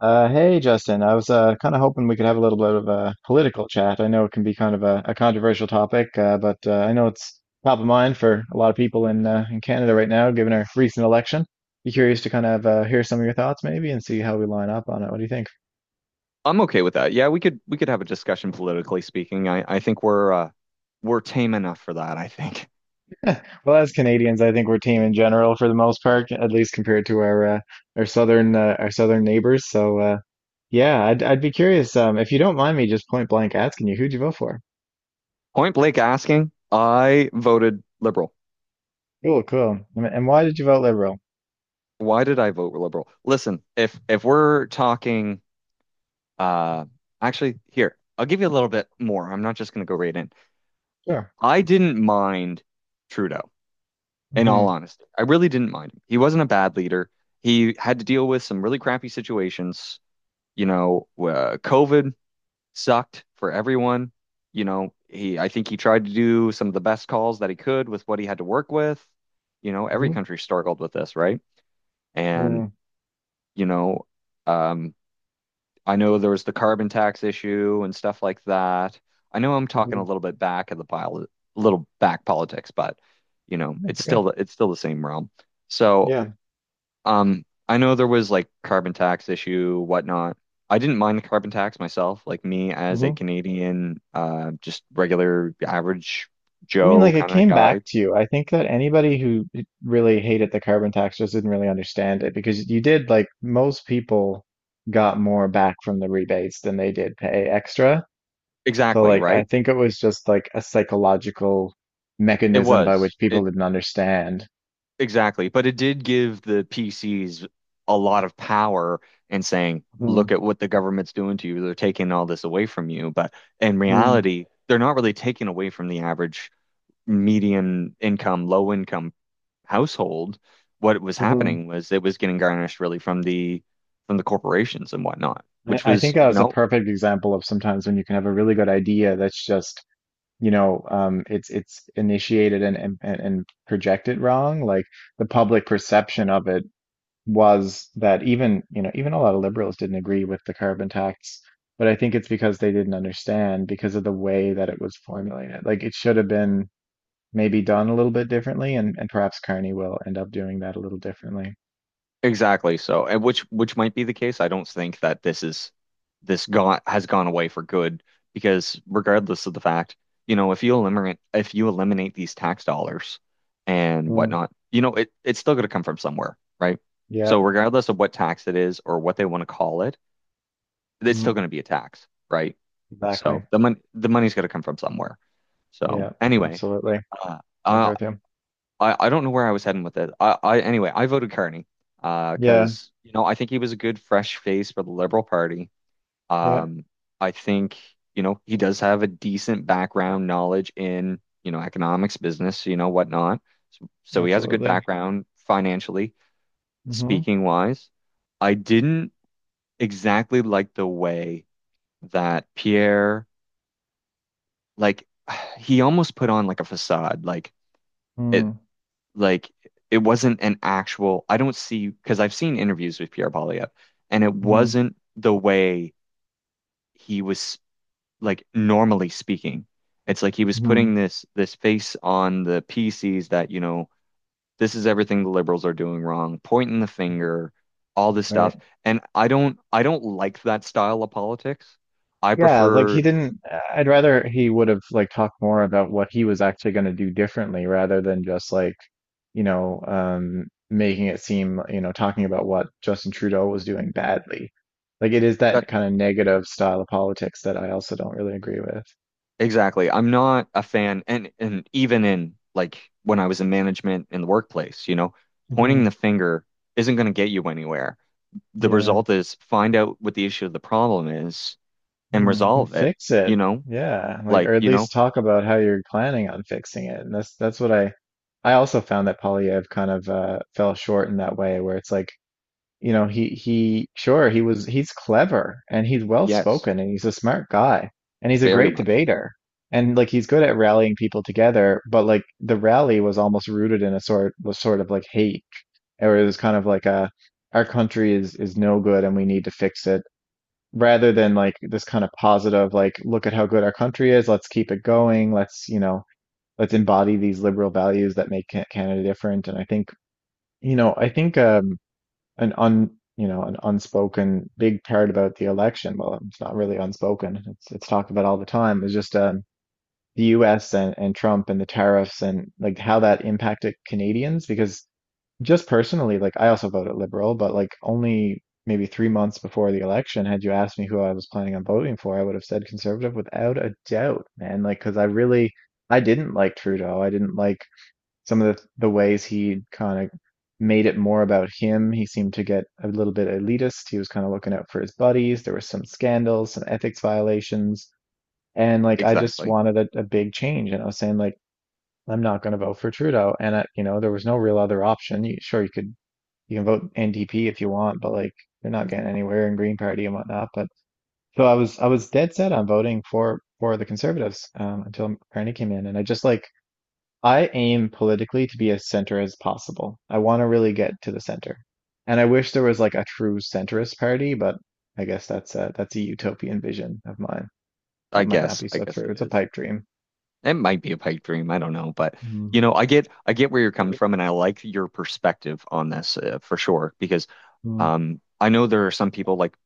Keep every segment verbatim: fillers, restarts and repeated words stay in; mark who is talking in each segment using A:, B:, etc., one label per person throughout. A: Uh, hey, Justin. I was uh, kind of hoping we could have a little bit of a political chat. I know it can be kind of a, a controversial topic, uh, but uh, I know it's top of mind for a lot of people in uh, in Canada right now, given our recent election. Be curious to kind of uh, hear some of your thoughts, maybe, and see how we line up on it. What do you think?
B: I'm okay with that. Yeah, we could we could have a discussion politically speaking. I I think we're uh we're tame enough for that, I think.
A: Well, as Canadians, I think we're team in general for the most part, at least compared to our uh, our southern uh, our southern neighbors. So uh, yeah, I'd I'd be curious um, if you don't mind me just point blank asking you, who'd you vote for?
B: Point blank asking, I voted liberal.
A: Cool, cool. And and why did you vote Liberal?
B: Why did I vote liberal? Listen, if if we're talking uh actually here, I'll give you a little bit more. I'm not just going to go right in.
A: Sure.
B: I didn't mind Trudeau in all honesty. I really didn't mind him. He wasn't a bad leader. He had to deal with some really crappy situations, you know, uh, COVID sucked for everyone. You know, he I think he tried to do some of the best calls that he could with what he had to work with. You know, every
A: Mm-hmm.
B: country struggled with this, right? And, you know, um, I know there was the carbon tax issue and stuff like that. I know I'm talking a
A: Hmm.
B: little bit back of the pile, a little back politics, but you know,
A: That's
B: it's
A: okay.
B: still it's still the same realm. So
A: Yeah.
B: um, I know there was like carbon tax issue, whatnot. I didn't mind the carbon tax myself, like me as a
A: Hmm.
B: Canadian, uh, just regular average
A: I mean,
B: Joe
A: like it
B: kind of
A: came back
B: guy.
A: to you. I think that anybody who who really hated the carbon tax just didn't really understand it because you did, like most people got more back from the rebates than they did pay extra. So
B: Exactly,
A: like I
B: right?
A: think it was just like a psychological
B: It
A: mechanism by
B: was.
A: which people
B: It
A: didn't understand.
B: Exactly. But it did give the P Cs a lot of power in saying,
A: Mm-hmm.
B: look at what the government's doing to you. They're taking all this away from you. But in reality, they're not really taking away from the average median income, low income household. What was
A: Hmm.
B: happening was it was getting garnished really from the from the corporations and whatnot,
A: I,
B: which
A: I think
B: was,
A: that
B: you
A: was a
B: know,
A: perfect example of sometimes when you can have a really good idea that's just you know um, it's it's initiated and, and and projected wrong. Like the public perception of it was that, even you know, even a lot of liberals didn't agree with the carbon tax, but I think it's because they didn't understand because of the way that it was formulated. Like it should have been maybe done a little bit differently, and and perhaps Carney will end up doing that a little differently.
B: exactly. So, and which which might be the case. I don't think that this is this gone has gone away for good because regardless of the fact, you know, if you eliminate if you eliminate these tax dollars and
A: Mm,
B: whatnot, you know, it it's still going to come from somewhere, right?
A: yeah,
B: So regardless of what tax it is or what they want to call it, it's
A: mm,
B: still going to be a tax, right?
A: exactly.
B: So the money the money's got to come from somewhere. So
A: Yeah,
B: anyway,
A: absolutely.
B: uh,
A: I agree
B: uh,
A: with you.
B: I I don't know where I was heading with it. I, I anyway I voted Carney uh
A: Yeah,
B: because you know I think he was a good fresh face for the Liberal Party.
A: yeah,
B: Um, I think you know he does have a decent background knowledge in you know economics, business, you know whatnot. So, so he has a good
A: absolutely.
B: background financially
A: Mm-hmm.
B: speaking wise. I didn't exactly like the way that Pierre, like he almost put on like a facade, like it
A: Mm-hmm.
B: like it wasn't an actual, I don't see because I've seen interviews with Pierre Polyev and it wasn't the way he was like normally speaking. It's like he was
A: Mm-hmm.
B: putting this this face on the P Cs that you know this is everything the liberals are doing wrong, pointing the finger, all this
A: Right.
B: stuff. And I don't I don't like that style of politics. I
A: Yeah, like he
B: prefer.
A: didn't, I'd rather he would have like talked more about what he was actually going to do differently rather than just like, you know, um, making it seem, you know, talking about what Justin Trudeau was doing badly. Like it is that kind of negative style of politics that I also don't really agree with.
B: Exactly. I'm not a fan, and and even in, like, when I was in management in the workplace, you know,
A: Hmm.
B: pointing the finger isn't going to get you anywhere. The
A: Yeah.
B: result is find out what the issue of the problem is and
A: Hmm. And
B: resolve it,
A: fix it.
B: you know?
A: Yeah. Like, or
B: Like,
A: at
B: you know,
A: least talk about how you're planning on fixing it. And that's, that's what I, I also found that Polyev kind of uh, fell short in that way, where it's like, you know he he sure he was, he's clever and he's well
B: yes,
A: spoken and he's a smart guy and he's a
B: very
A: great
B: much.
A: debater, and like he's good at rallying people together, but like the rally was almost rooted in a sort, was sort of like hate, or it was kind of like a, our country is is no good and we need to fix it, rather than like this kind of positive, like look at how good our country is, let's keep it going, let's you know let's embody these liberal values that make Ca- Canada different. And I think you know I think um an un you know an unspoken big part about the election. Well, it's not really unspoken. It's it's talked about all the time. It's just um, the U S and and Trump and the tariffs and like how that impacted Canadians. Because just personally, like I also voted Liberal, but like only maybe three months before the election, had you asked me who I was planning on voting for, I would have said Conservative without a doubt, man. Like because I really, I didn't like Trudeau. I didn't like some of the, the ways he kind of made it more about him. He seemed to get a little bit elitist. He was kind of looking out for his buddies. There were some scandals, some ethics violations. And like, I just
B: Exactly.
A: wanted a, a big change. And I was saying, like, I'm not going to vote for Trudeau. And I, you know, there was no real other option. You, sure, you could, you can vote N D P if you want, but like, you're not getting anywhere in Green Party and whatnot. But so I was, I was dead set on voting for, for the Conservatives um, until Carney came in. And I just like, I aim politically to be as center as possible. I want to really get to the center. And I wish there was like a true centrist party, but I guess that's a, that's a utopian vision of mine. That
B: I
A: might not
B: guess,
A: be
B: I
A: so
B: guess
A: true.
B: it
A: It's a
B: is.
A: pipe dream.
B: It might be a pipe dream, I don't know, but
A: Mm.
B: you know, I get I get where you're coming
A: Right.
B: from, and I like your perspective on this, uh, for sure. Because
A: Mm,
B: um I know there are some people, like,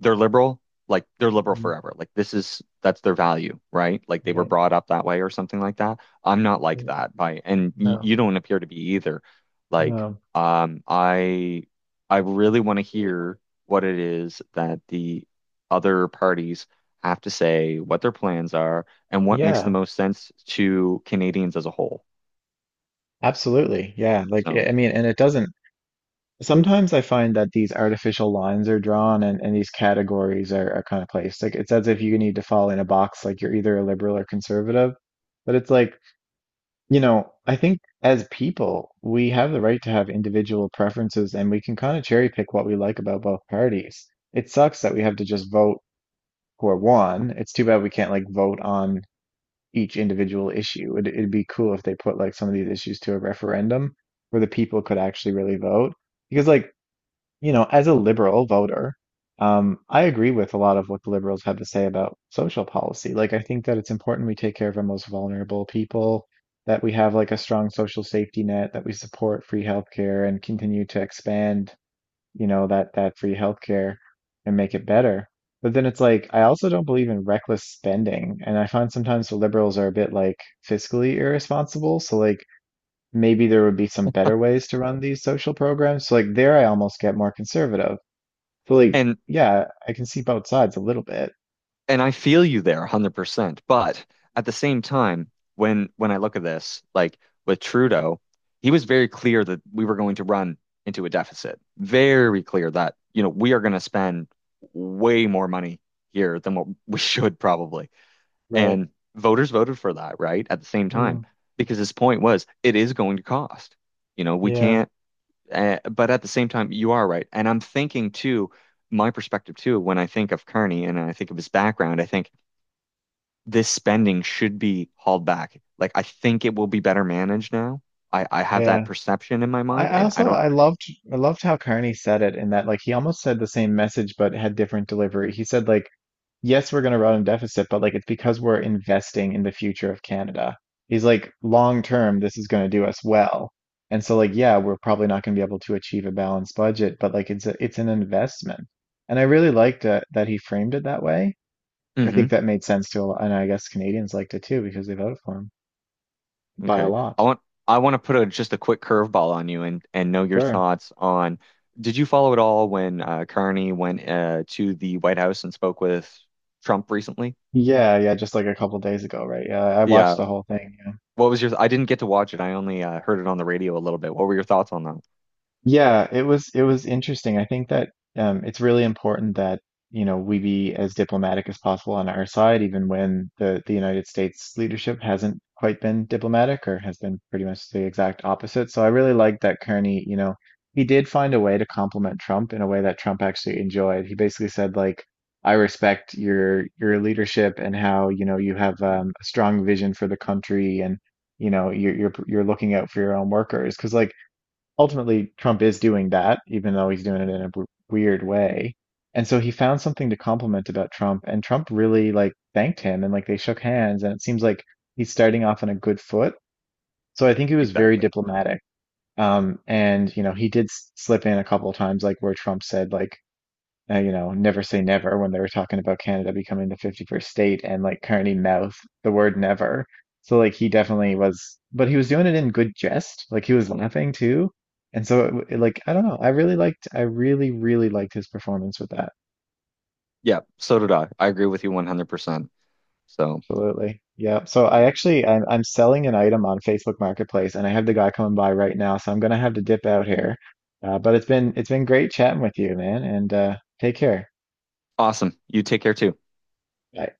B: they're liberal, like they're liberal
A: mm,
B: forever. Like this is, that's their value, right? Like they were
A: right.
B: brought up that way or something like that. I'm not like
A: Yeah,
B: that, by and y
A: no,
B: you don't appear to be either. Like,
A: no.
B: um I I really want to
A: Really wanting.
B: hear what it is that the other parties have to say, what their plans are, and what makes the
A: Yeah,
B: most sense to Canadians as a whole.
A: absolutely. Yeah. Like,
B: So,
A: I I mean, and it doesn't. Sometimes I find that these artificial lines are drawn, and, and these categories are, are kind of placed. Like it's as if you need to fall in a box, like you're either a liberal or conservative. But it's like, you know, I think as people, we have the right to have individual preferences and we can kind of cherry pick what we like about both parties. It sucks that we have to just vote for one. It's too bad we can't like vote on each individual issue. It, it'd be cool if they put like some of these issues to a referendum where the people could actually really vote. Because like you know, as a liberal voter, um, I agree with a lot of what the liberals have to say about social policy. Like, I think that it's important we take care of our most vulnerable people, that we have like a strong social safety net, that we support free healthcare and continue to expand, you know, that that free healthcare and make it better. But then it's like I also don't believe in reckless spending, and I find sometimes the liberals are a bit like fiscally irresponsible. So like maybe there would be some better ways to run these social programs. So like there I almost get more conservative. So like,
B: and
A: yeah, I can see both sides a little bit,
B: and I feel you there one hundred percent. But at the same time, when when I look at this, like with Trudeau, he was very clear that we were going to run into a deficit. Very clear that, you know, we are going to spend way more money here than what we should probably.
A: right?
B: And voters voted for that, right? At the same time,
A: Mm,
B: because his point was it is going to cost. You know, we
A: yeah,
B: can't, uh, but at the same time, you are right. And I'm thinking too, my perspective too, when I think of Carney and I think of his background, I think this spending should be hauled back. Like I think it will be better managed now. I I have that
A: yeah.
B: perception in my
A: I
B: mind,
A: I
B: and I
A: also
B: don't.
A: I loved, I loved how Carney said it, in that like he almost said the same message but had different delivery. He said like, yes, we're going to run a deficit, but like it's because we're investing in the future of Canada. He's like, long term, this is going to do us well. And so like, yeah, we're probably not going to be able to achieve a balanced budget, but like it's a, it's an investment. And I really liked that that he framed it that way. I think
B: Hmm.
A: that made sense to a lot, and I guess Canadians liked it too because they voted for him by a
B: Okay. I
A: lot.
B: want I want to put a just a quick curveball on you and and know your
A: Sure.
B: thoughts on. Did you follow it all when uh, Carney went uh, to the White House and spoke with Trump recently?
A: Yeah, yeah, just like a couple days ago, right? Yeah, I watched
B: Yeah.
A: the whole thing. Yeah.
B: What was your? I didn't get to watch it. I only uh, heard it on the radio a little bit. What were your thoughts on that?
A: Yeah, it was it was interesting. I think that um, it's really important that you know we be as diplomatic as possible on our side, even when the the United States leadership hasn't quite been diplomatic or has been pretty much the exact opposite. So I really like that Kearney, you know, he did find a way to compliment Trump in a way that Trump actually enjoyed. He basically said like, "I respect your your leadership and how you know you have um, a strong vision for the country, and you know you're you're you're looking out for your own workers." Because like ultimately Trump is doing that, even though he's doing it in a w weird way. And so he found something to compliment about Trump, and Trump really like thanked him and like they shook hands, and it seems like he's starting off on a good foot. So I think he was very
B: Exactly.
A: diplomatic. Um, and you know, he did s- slip in a couple of times, like where Trump said, like, uh, you know, never say never, when they were talking about Canada becoming the fifty-first state, and like Carney mouth the word never. So like he definitely was, but he was doing it in good jest. Like he was laughing too. And so it, w- it, like I don't know, I really liked, I really really liked his performance with that.
B: Yeah. So did I. I agree with you one hundred percent. So,
A: Absolutely. Yeah. So I
B: yeah.
A: actually I'm I'm selling an item on Facebook Marketplace and I have the guy coming by right now, so I'm gonna have to dip out here. Uh, but it's been it's been great chatting with you, man, and uh take care.
B: Awesome. You take care too.
A: Bye.